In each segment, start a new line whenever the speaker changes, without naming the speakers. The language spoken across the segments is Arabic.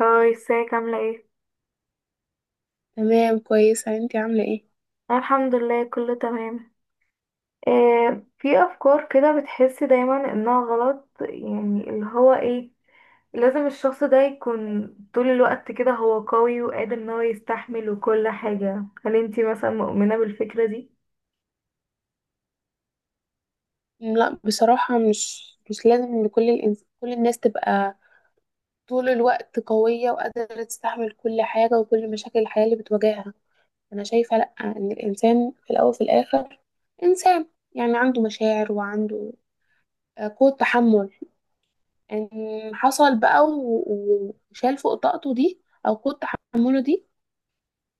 هاي، ازيك؟ عاملة ايه؟
تمام كويسة، انتي عاملة ايه؟
أنا الحمد لله كله تمام. آه، في أفكار كده بتحسي دايما إنها غلط، يعني اللي هو ايه، لازم الشخص ده يكون طول الوقت كده هو قوي وقادر إن هو يستحمل وكل حاجة. هل انتي مثلا مؤمنة بالفكرة دي؟
لا بصراحة مش لازم ان كل الناس تبقى طول الوقت قوية وقادرة تستحمل كل حاجة وكل مشاكل الحياة اللي بتواجهها. انا شايفة لا، ان الانسان في الاول وفي الاخر انسان، يعني عنده مشاعر وعنده قوة تحمل. ان حصل بقى و- و- وشال فوق طاقته دي او قوة تحمله دي،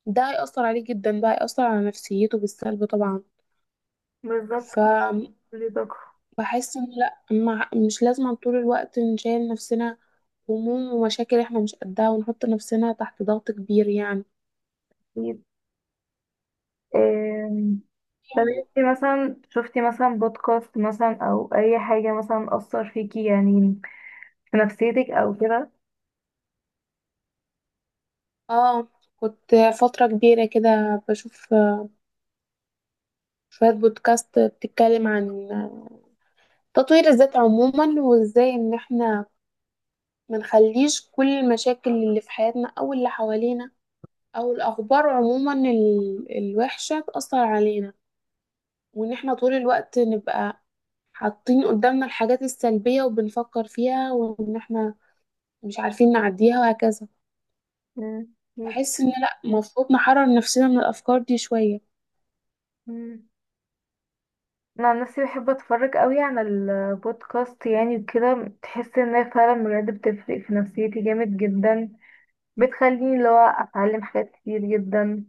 ده هيأثر عليه جدا، بقى هيأثر على نفسيته بالسلب.
بالظبط،
طبعا.
كل طاقة.
بحس ان لا، مع مش لازم طول الوقت نشيل نفسنا هموم ومشاكل احنا مش قدها، ونحط نفسنا تحت ضغط كبير يعني.
أكيد. آم، طب انتي مثلا شفتي مثلا بودكاست مثلا أو أي حاجة مثلا أثر فيكي، يعني في نفسيتك أو كده؟
اه، كنت فترة كبيرة كده بشوف شوية بودكاست بتتكلم عن تطوير الذات عموما، وازاي ان احنا منخليش كل المشاكل اللي في حياتنا او اللي حوالينا او الاخبار عموما الوحشة تأثر علينا، وان احنا طول الوقت نبقى حاطين قدامنا الحاجات السلبية وبنفكر فيها، وإن إحنا مش عارفين نعديها وهكذا.
مم، أكيد.
بحس إن لأ، المفروض نحرر نفسنا من الأفكار دي شوية.
مم. انا عن نفسي بحب اتفرج قوي على البودكاست يعني وكده، تحس انها فعلا بجد بتفرق في نفسيتي جامد جدا، بتخليني اللي هو اتعلم حاجات كتير جدا.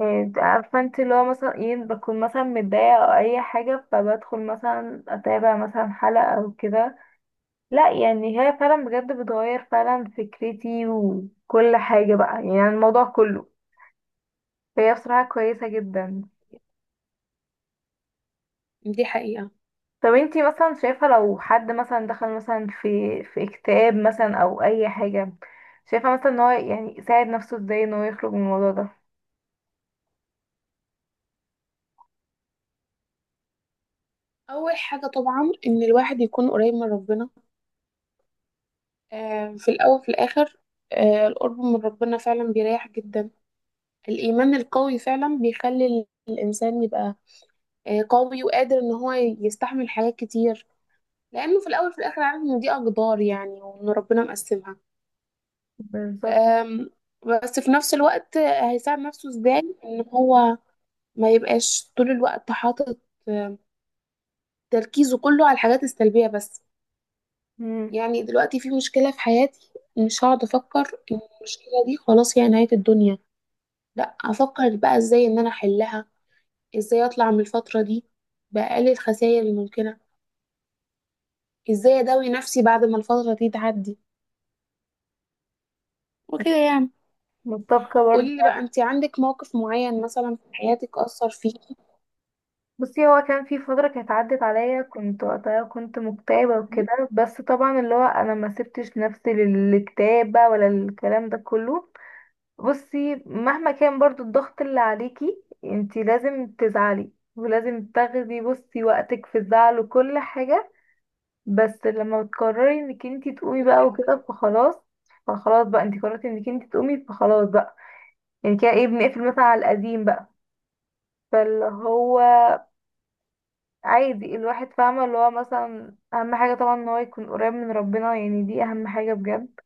إيه، عارفه انت اللي هو مثلا ايه، بكون مثلا متضايقه او اي حاجه فبدخل مثلا اتابع مثلا حلقه او كده. لا، يعني هي فعلا بجد بتغير فعلا فكرتي وكل حاجه بقى، يعني الموضوع كله، فهي بصراحه كويسه جدا.
دي حقيقة.
طب انتي مثلا شايفة لو حد مثلا دخل مثلا في اكتئاب مثلا او اي حاجة، شايفة مثلا ان هو يعني يساعد نفسه ازاي ان هو يخرج من الموضوع ده؟
أول حاجة طبعا إن الواحد يكون قريب من ربنا. آه، في الأول في الآخر آه القرب من ربنا فعلا بيريح جدا. الإيمان القوي فعلا بيخلي الإنسان يبقى آه قوي وقادر إن هو يستحمل حاجات كتير، لأنه في الأول في الآخر عارف إن دي أقدار يعني، وإن ربنا مقسمها.
بالظبط.
أم، بس في نفس الوقت هيساعد نفسه ازاي ان هو ما يبقاش طول الوقت حاطط أم، تركيزه كله على الحاجات السلبية بس.
مم.
يعني دلوقتي في مشكلة في حياتي، مش هقعد افكر ان المشكلة دي خلاص هي نهاية الدنيا، لا افكر بقى ازاي ان انا احلها، ازاي اطلع من الفترة دي بأقل الخسائر الممكنة، ازاي اداوي نفسي بعد ما الفترة دي تعدي، وكده يعني.
متفقة برضه.
قولي لي بقى، انت عندك موقف معين مثلا في حياتك أثر فيكي؟
بصي، هو كان في فترة كانت عدت عليا، كنت وقتها كنت مكتئبة وكده، بس طبعا اللي هو انا ما سبتش نفسي للكتابة ولا الكلام ده كله. بصي، مهما كان برضو الضغط اللي عليكي انتي لازم تزعلي، ولازم تاخدي بصي وقتك في الزعل وكل حاجة، بس لما بتقرري انك انتي تقومي بقى وكده فخلاص. فخلاص بقى، انتي قررتي انك انتي تقومي فخلاص بقى، يعني كده ايه، بنقفل مثلا على القديم بقى. فاللي هو عادي، الواحد فاهمة اللي هو مثلا أهم حاجة طبعا ان هو يكون قريب من ربنا، يعني دي أهم حاجة بجد.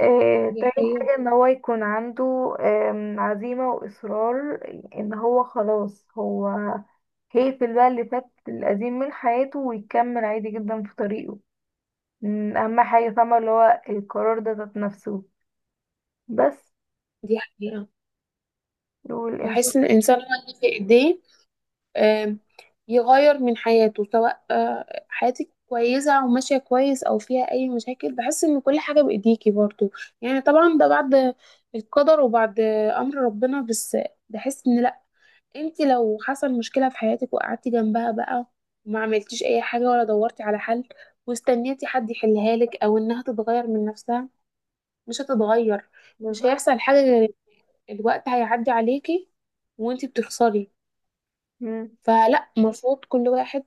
آه،
دي
تاني
حقيقة.
حاجة ان هو يكون عنده عزيمة وإصرار ان هو خلاص، هو هيقفل بقى اللي فات القديم من حياته ويكمل عادي جدا في طريقه. مم، اهم حاجه فاهمه اللي هو القرار ده ذات نفسه بس.
دي حقيقة.
والانت،
بحس إن الإنسان هو اللي في إيديه آم، يغير من حياته. سواء آه، حياتك كويسة أو ماشية كويس أو فيها أي مشاكل، بحس إن كل حاجة بإيديكي برضو. يعني طبعا ده بعد القدر وبعد أمر ربنا، بس بحس إن لأ، أنت لو حصل مشكلة في حياتك وقعدتي جنبها بقى وما عملتيش أي حاجة ولا دورتي على حل، واستنيتي حد يحلها لك أو إنها تتغير من نفسها، مش هتتغير. مش
بالظبط.
هيحصل حاجة، غير الوقت هيعدي عليكي وانتي بتخسري.
مم.
فلا، المفروض كل واحد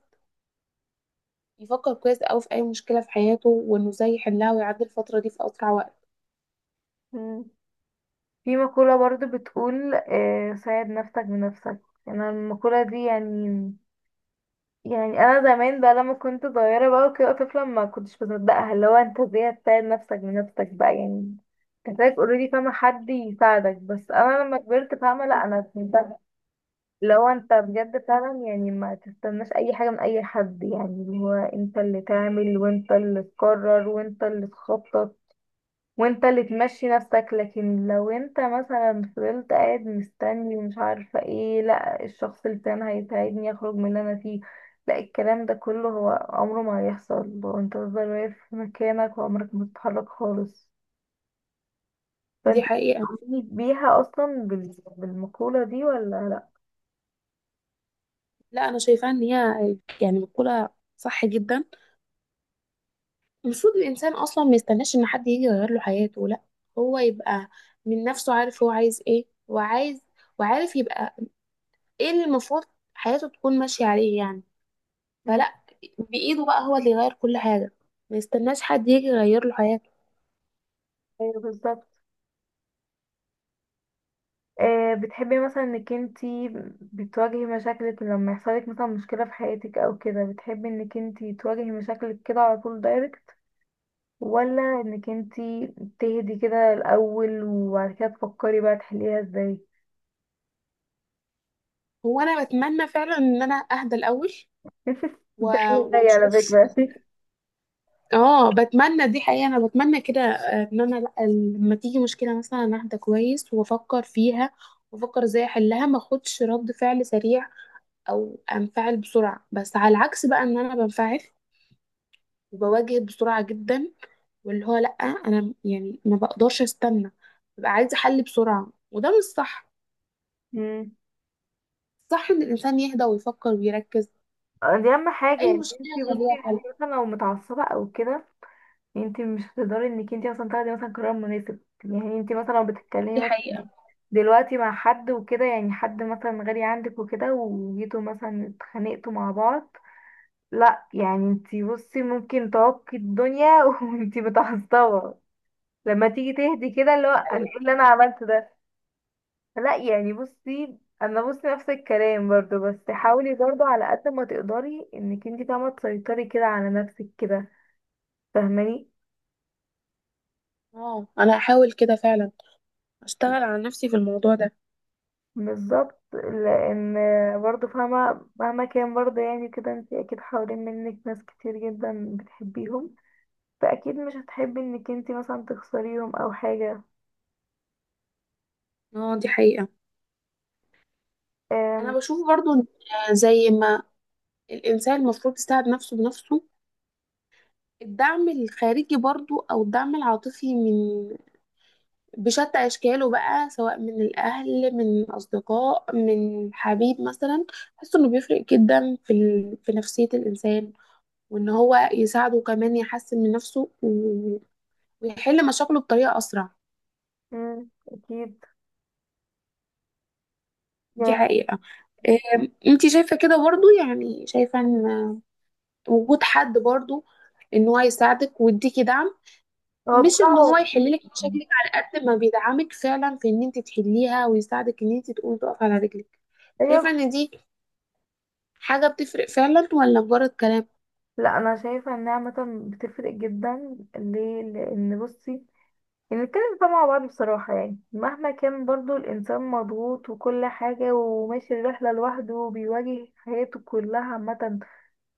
يفكر كويس أوي في أي مشكلة في حياته، وإنه إزاي يحلها ويعدي الفترة دي في أسرع وقت.
مم. في مقوله برضو بتقول آه، ساعد نفسك بنفسك. انا المقوله دي يعني، يعني انا زمان بقى لما كنت صغيره بقى وكده طفله ما كنتش بصدقها، اللي هو انت ازاي هتساعد نفسك بنفسك بقى يعني؟ كذلك اوريدي فاهمه حد يساعدك، بس انا لما كبرت فاهمه لا، انا لو انت بجد فعلا يعني ما تستناش اي حاجة من اي حد، يعني اللي هو انت اللي تعمل وانت اللي تقرر وانت اللي تخطط وانت اللي تمشي نفسك. لكن لو انت مثلا فضلت قاعد مستني ومش عارفة ايه، لا الشخص اللي كان هيساعدني اخرج من اللي انا فيه، لا الكلام ده كله، هو عمره ما هيحصل لو انت تفضل واقف في مكانك وعمرك ما تتحرك خالص.
دي
فانت
حقيقة.
بتؤمني بيها اصلا بالمقولة دي ولا لا؟
لا، أنا شايفة إن هي يعني مقولة صح جدا. المفروض الإنسان أصلا ما يستناش إن حد يجي يغير له حياته، لا، هو يبقى من نفسه عارف هو عايز إيه وعايز، وعارف يبقى إيه اللي المفروض حياته تكون ماشية عليه يعني.
مم.
فلا، بإيده بقى هو اللي يغير كل حاجة، ما يستناش حد يجي يغير له حياته.
ايوه، بالظبط. آه، بتحبي مثلا انك انتي بتواجهي مشاكلك لما يحصلك مثلا مشكلة في حياتك او كده، بتحبي انك انتي تواجهي مشاكلك كده على طول دايركت، ولا انك انتي تهدي كده الاول وبعد كده تفكري بقى تحليها ازاي؟
هو انا بتمنى فعلا ان انا اهدى الاول
ده
و-
ايه زي على
واشوف.
فكرة.
اه بتمنى، دي حقيقة انا بتمنى كده آه، ان انا لأ، لما تيجي مشكلة مثلا أنا اهدى كويس وافكر فيها، وافكر ازاي احلها، ما اخدش رد فعل سريع او انفعل بسرعة. بس على العكس بقى، ان انا بنفعل وبواجه بسرعة جدا، واللي هو لا انا يعني ما بقدرش استنى، ببقى عايزة حل بسرعة، وده مش صح.
مم.
صح ان الانسان يهدى ويفكر ويركز.
دي اهم حاجة
اي
يعني.
مشكلة
انتي
كان
بصي،
ليها حل.
انتي مثلا لو متعصبة او كده، انتي مش هتقدري انك انتي مثلا تاخدي مثلا قرار مناسب. يعني انتي مثلا لو
دي
بتتكلمي
حقيقة.
دلوقتي مع حد وكده، يعني حد مثلا غالي عندك وكده، وجيتوا مثلا اتخانقتوا مع بعض، لا يعني انتي بصي ممكن تعكي الدنيا وانتي متعصبة. لما تيجي تهدي كده اللي هو انا ايه اللي انا عملته ده. لا يعني بصي انا، بصي نفس الكلام برضو، بس حاولي برضو على قد ما تقدري انك انتي فاهمة تسيطري كده على نفسك كده، فاهماني؟
اه انا هحاول كده فعلا اشتغل على نفسي في الموضوع ده.
بالظبط، لان برضه فاهمة مهما كان برضه يعني كده انت اكيد حوالين منك ناس كتير جدا بتحبيهم، فاكيد مش هتحبي انك انت مثلا تخسريهم او حاجة.
اه دي حقيقة.
أم.
انا بشوف برضو إن زي ما الانسان المفروض يساعد نفسه بنفسه، الدعم الخارجي برضو او الدعم العاطفي من بشتى اشكاله بقى، سواء من الاهل من اصدقاء من حبيب مثلا، بحس انه بيفرق جدا في نفسية الانسان، وان هو يساعده كمان يحسن من نفسه و... ويحل مشاكله بطريقة اسرع.
أم، اكيد. يعني،
دي حقيقة. أم، انتي شايفة كده برضو؟ يعني شايفة ان وجود حد برضو ان هو يساعدك ويديكي دعم،
هو
مش ان هو
بصراحة،
يحللك مشاكلك، على قد ما بيدعمك فعلا في ان انت تحليها ويساعدك ان انت تقومي تقف على رجلك،
ايوه.
شايفة ان دي حاجة بتفرق فعلا ولا مجرد كلام؟
لا، انا شايفة انها عامة بتفرق جدا. ليه؟ لان بصي، يعني نتكلم بقى مع بعض بصراحة، يعني مهما كان برضه الإنسان مضغوط وكل حاجة وماشي الرحلة لوحده وبيواجه حياته كلها عامة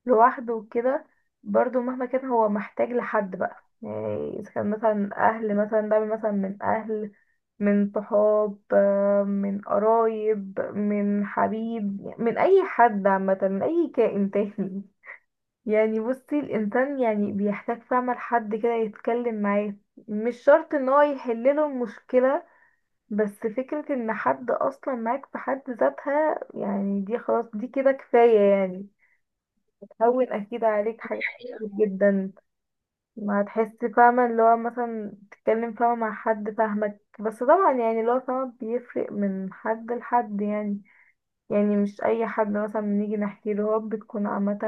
لوحده وكده، برضو مهما كان هو محتاج لحد بقى، يعني اذا كان مثلا اهل، مثلا دعم مثلا من اهل، من صحاب، آه، من قرايب، من حبيب، من اي حد عامة، من اي كائن تاني. يعني بصي الانسان يعني بيحتاج فعلا لحد كده يتكلم معاه، مش شرط ان هو يحلله المشكلة، بس فكرة ان حد اصلا معاك في حد ذاتها، يعني دي خلاص دي كده كفاية يعني. هون اكيد عليك حاجات كتير جدا، ما تحس فاهمة اللي هو مثلا تتكلم فاهمة مع حد فاهمك. بس طبعا يعني اللي هو فاهمة بيفرق من حد لحد، يعني يعني مش اي حد مثلا بنيجي نحكي له، هو بتكون عامة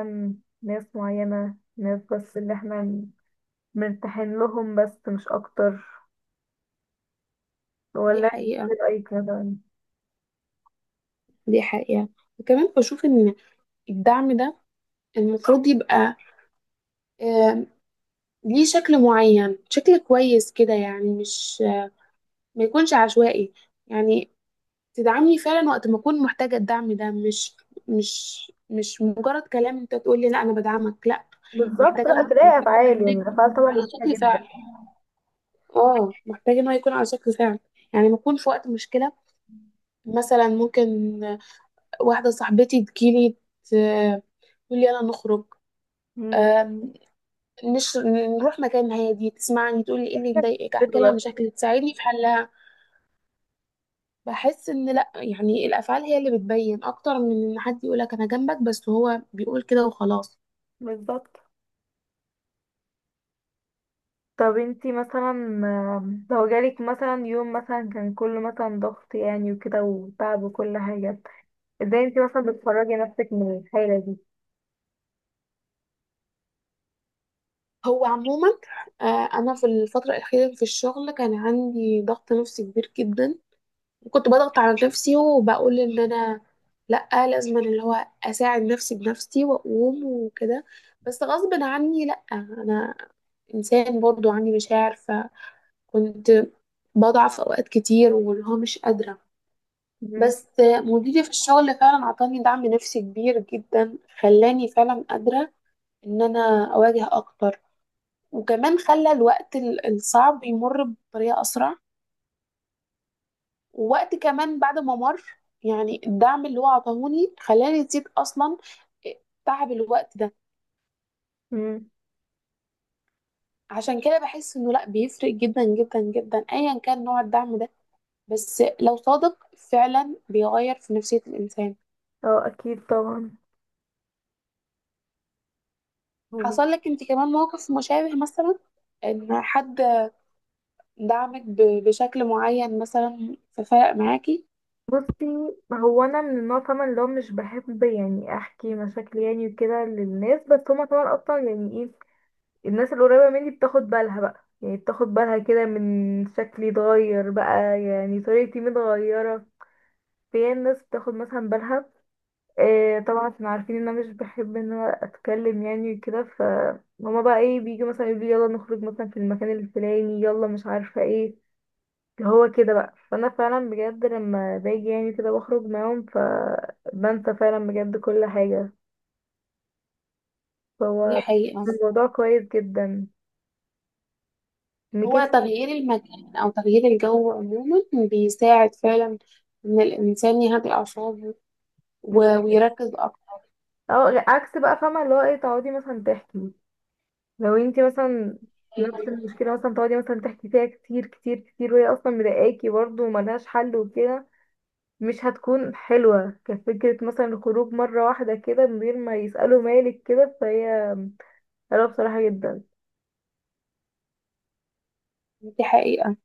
ناس معينة، ناس بس اللي احنا مرتاحين لهم بس مش اكتر.
دي
ولا انت
حقيقة.
إيه رأيك مثلا؟
دي حقيقة. وكمان بشوف ان الدعم ده المفروض يبقى آم، ليه شكل معين، شكل كويس كده يعني، مش ما يكونش عشوائي. يعني تدعمني فعلا وقت ما اكون محتاجه الدعم ده، مش مش مجرد كلام انت تقول لي لا انا بدعمك، لا،
بالظبط،
محتاجه،
لا
محتاجه
تلاقي افعال،
ده
يعني الافعال
يكون
طبعا
على
مهمة
شكل
جدا.
فعل. اه محتاجه ان هو يكون على شكل فعل. يعني ما اكون في وقت مشكله، مثلا ممكن واحده صاحبتي تجيلي ت- تقول لي يلا نخرج،
مم.
آم، نش... نروح مكان هادي، تسمعني، تقول لي ايه اللي مضايقك، احكي لها
حلوة.
مشاكل تساعدني في حلها. بحس ان لا يعني الافعال هي اللي بتبين اكتر من ان حد يقولك انا جنبك، بس هو بيقول كده وخلاص.
بالظبط. طب انتي مثلا لو جالك مثلا يوم مثلا كان كله مثلا ضغط، يعني وكده وتعب وكل حاجة، ازاي انتي مثلا بتخرجي نفسك من الحالة دي؟
هو عموما آه، انا في الفتره الاخيره في الشغل كان عندي ضغط نفسي كبير جدا، وكنت بضغط على نفسي وبقول ان انا لا لازم أنا اللي هو اساعد نفسي بنفسي واقوم وكده. بس غصب عني لا انا انسان برضو عندي مشاعر، فكنت بضعف اوقات كتير واللي هو مش قادره.
مم.
بس مديري في الشغل فعلا عطاني دعم نفسي كبير جدا، خلاني فعلا قادرة ان انا اواجه اكتر، وكمان خلى الوقت الصعب يمر بطريقة اسرع. ووقت كمان بعد ما مر، يعني الدعم اللي هو عطاهوني خلاني نسيت اصلا تعب الوقت ده.
مم.
عشان كده بحس انه لا بيفرق جدا جدا جدا، ايا كان نوع الدعم ده بس لو صادق فعلا بيغير في نفسية الانسان.
اه اكيد طبعا. مم.
حصل لك انت كمان موقف مشابه مثلا، ان حد دعمك بشكل معين مثلا ففرق معاكي؟
بصي، هو انا من النوع طبعا اللي هو مش بحب يعني احكي مشاكلي يعني وكده للناس، بس هما طبعا اصلا يعني ايه، الناس القريبة مني بتاخد بالها بقى، يعني بتاخد بالها كده من شكلي اتغير بقى، يعني طريقتي متغيرة. في ناس بتاخد مثلا بالها، إيه طبعا، عشان عارفين ان انا مش بحب ان انا اتكلم يعني وكده. ف هما بقى ايه، بيجوا مثلا يقولوا لي يلا نخرج مثلا في المكان الفلاني، يلا مش عارفه ايه اللي هو كده بقى. فانا فعلا بجد لما باجي يعني كده بخرج معاهم ف بنسى فعلا بجد كل حاجه،
دي
فهو
حقيقة.
الموضوع كويس جدا ان كده.
هو تغيير المكان أو تغيير الجو عموما بيساعد فعلا إن الإنسان يهدي أعصابه و- ويركز أكتر.
اه عكس بقى فاهمه اللي هو ايه، تقعدي مثلا تحكي، لو انتي مثلا نفس المشكله مثلا تقعدي مثلا تحكي فيها كتير كتير كتير وهي اصلا مضايقاكي برضه وملهاش حل وكده، مش هتكون حلوة كفكرة مثلا الخروج مرة واحدة كده من غير ما يسألوا مالك كده، فهي حلوة بصراحة جدا.
دي حقيقة.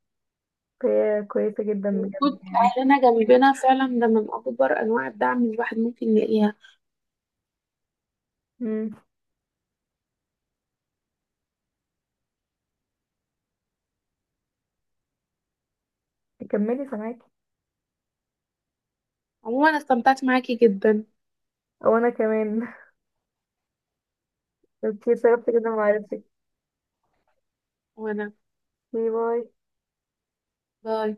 فهي كويسة جدا بجد
وجود
يعني.
أهلنا جنبنا فعلا ده من أكبر أنواع الدعم اللي الواحد ممكن يلاقيها.
مم. كملي سامعاكي.
عموما استمتعت معاكي جدا.
او انا كمان. اوكي، سببت كده معرفتك.
وأنا
باي باي.
باي.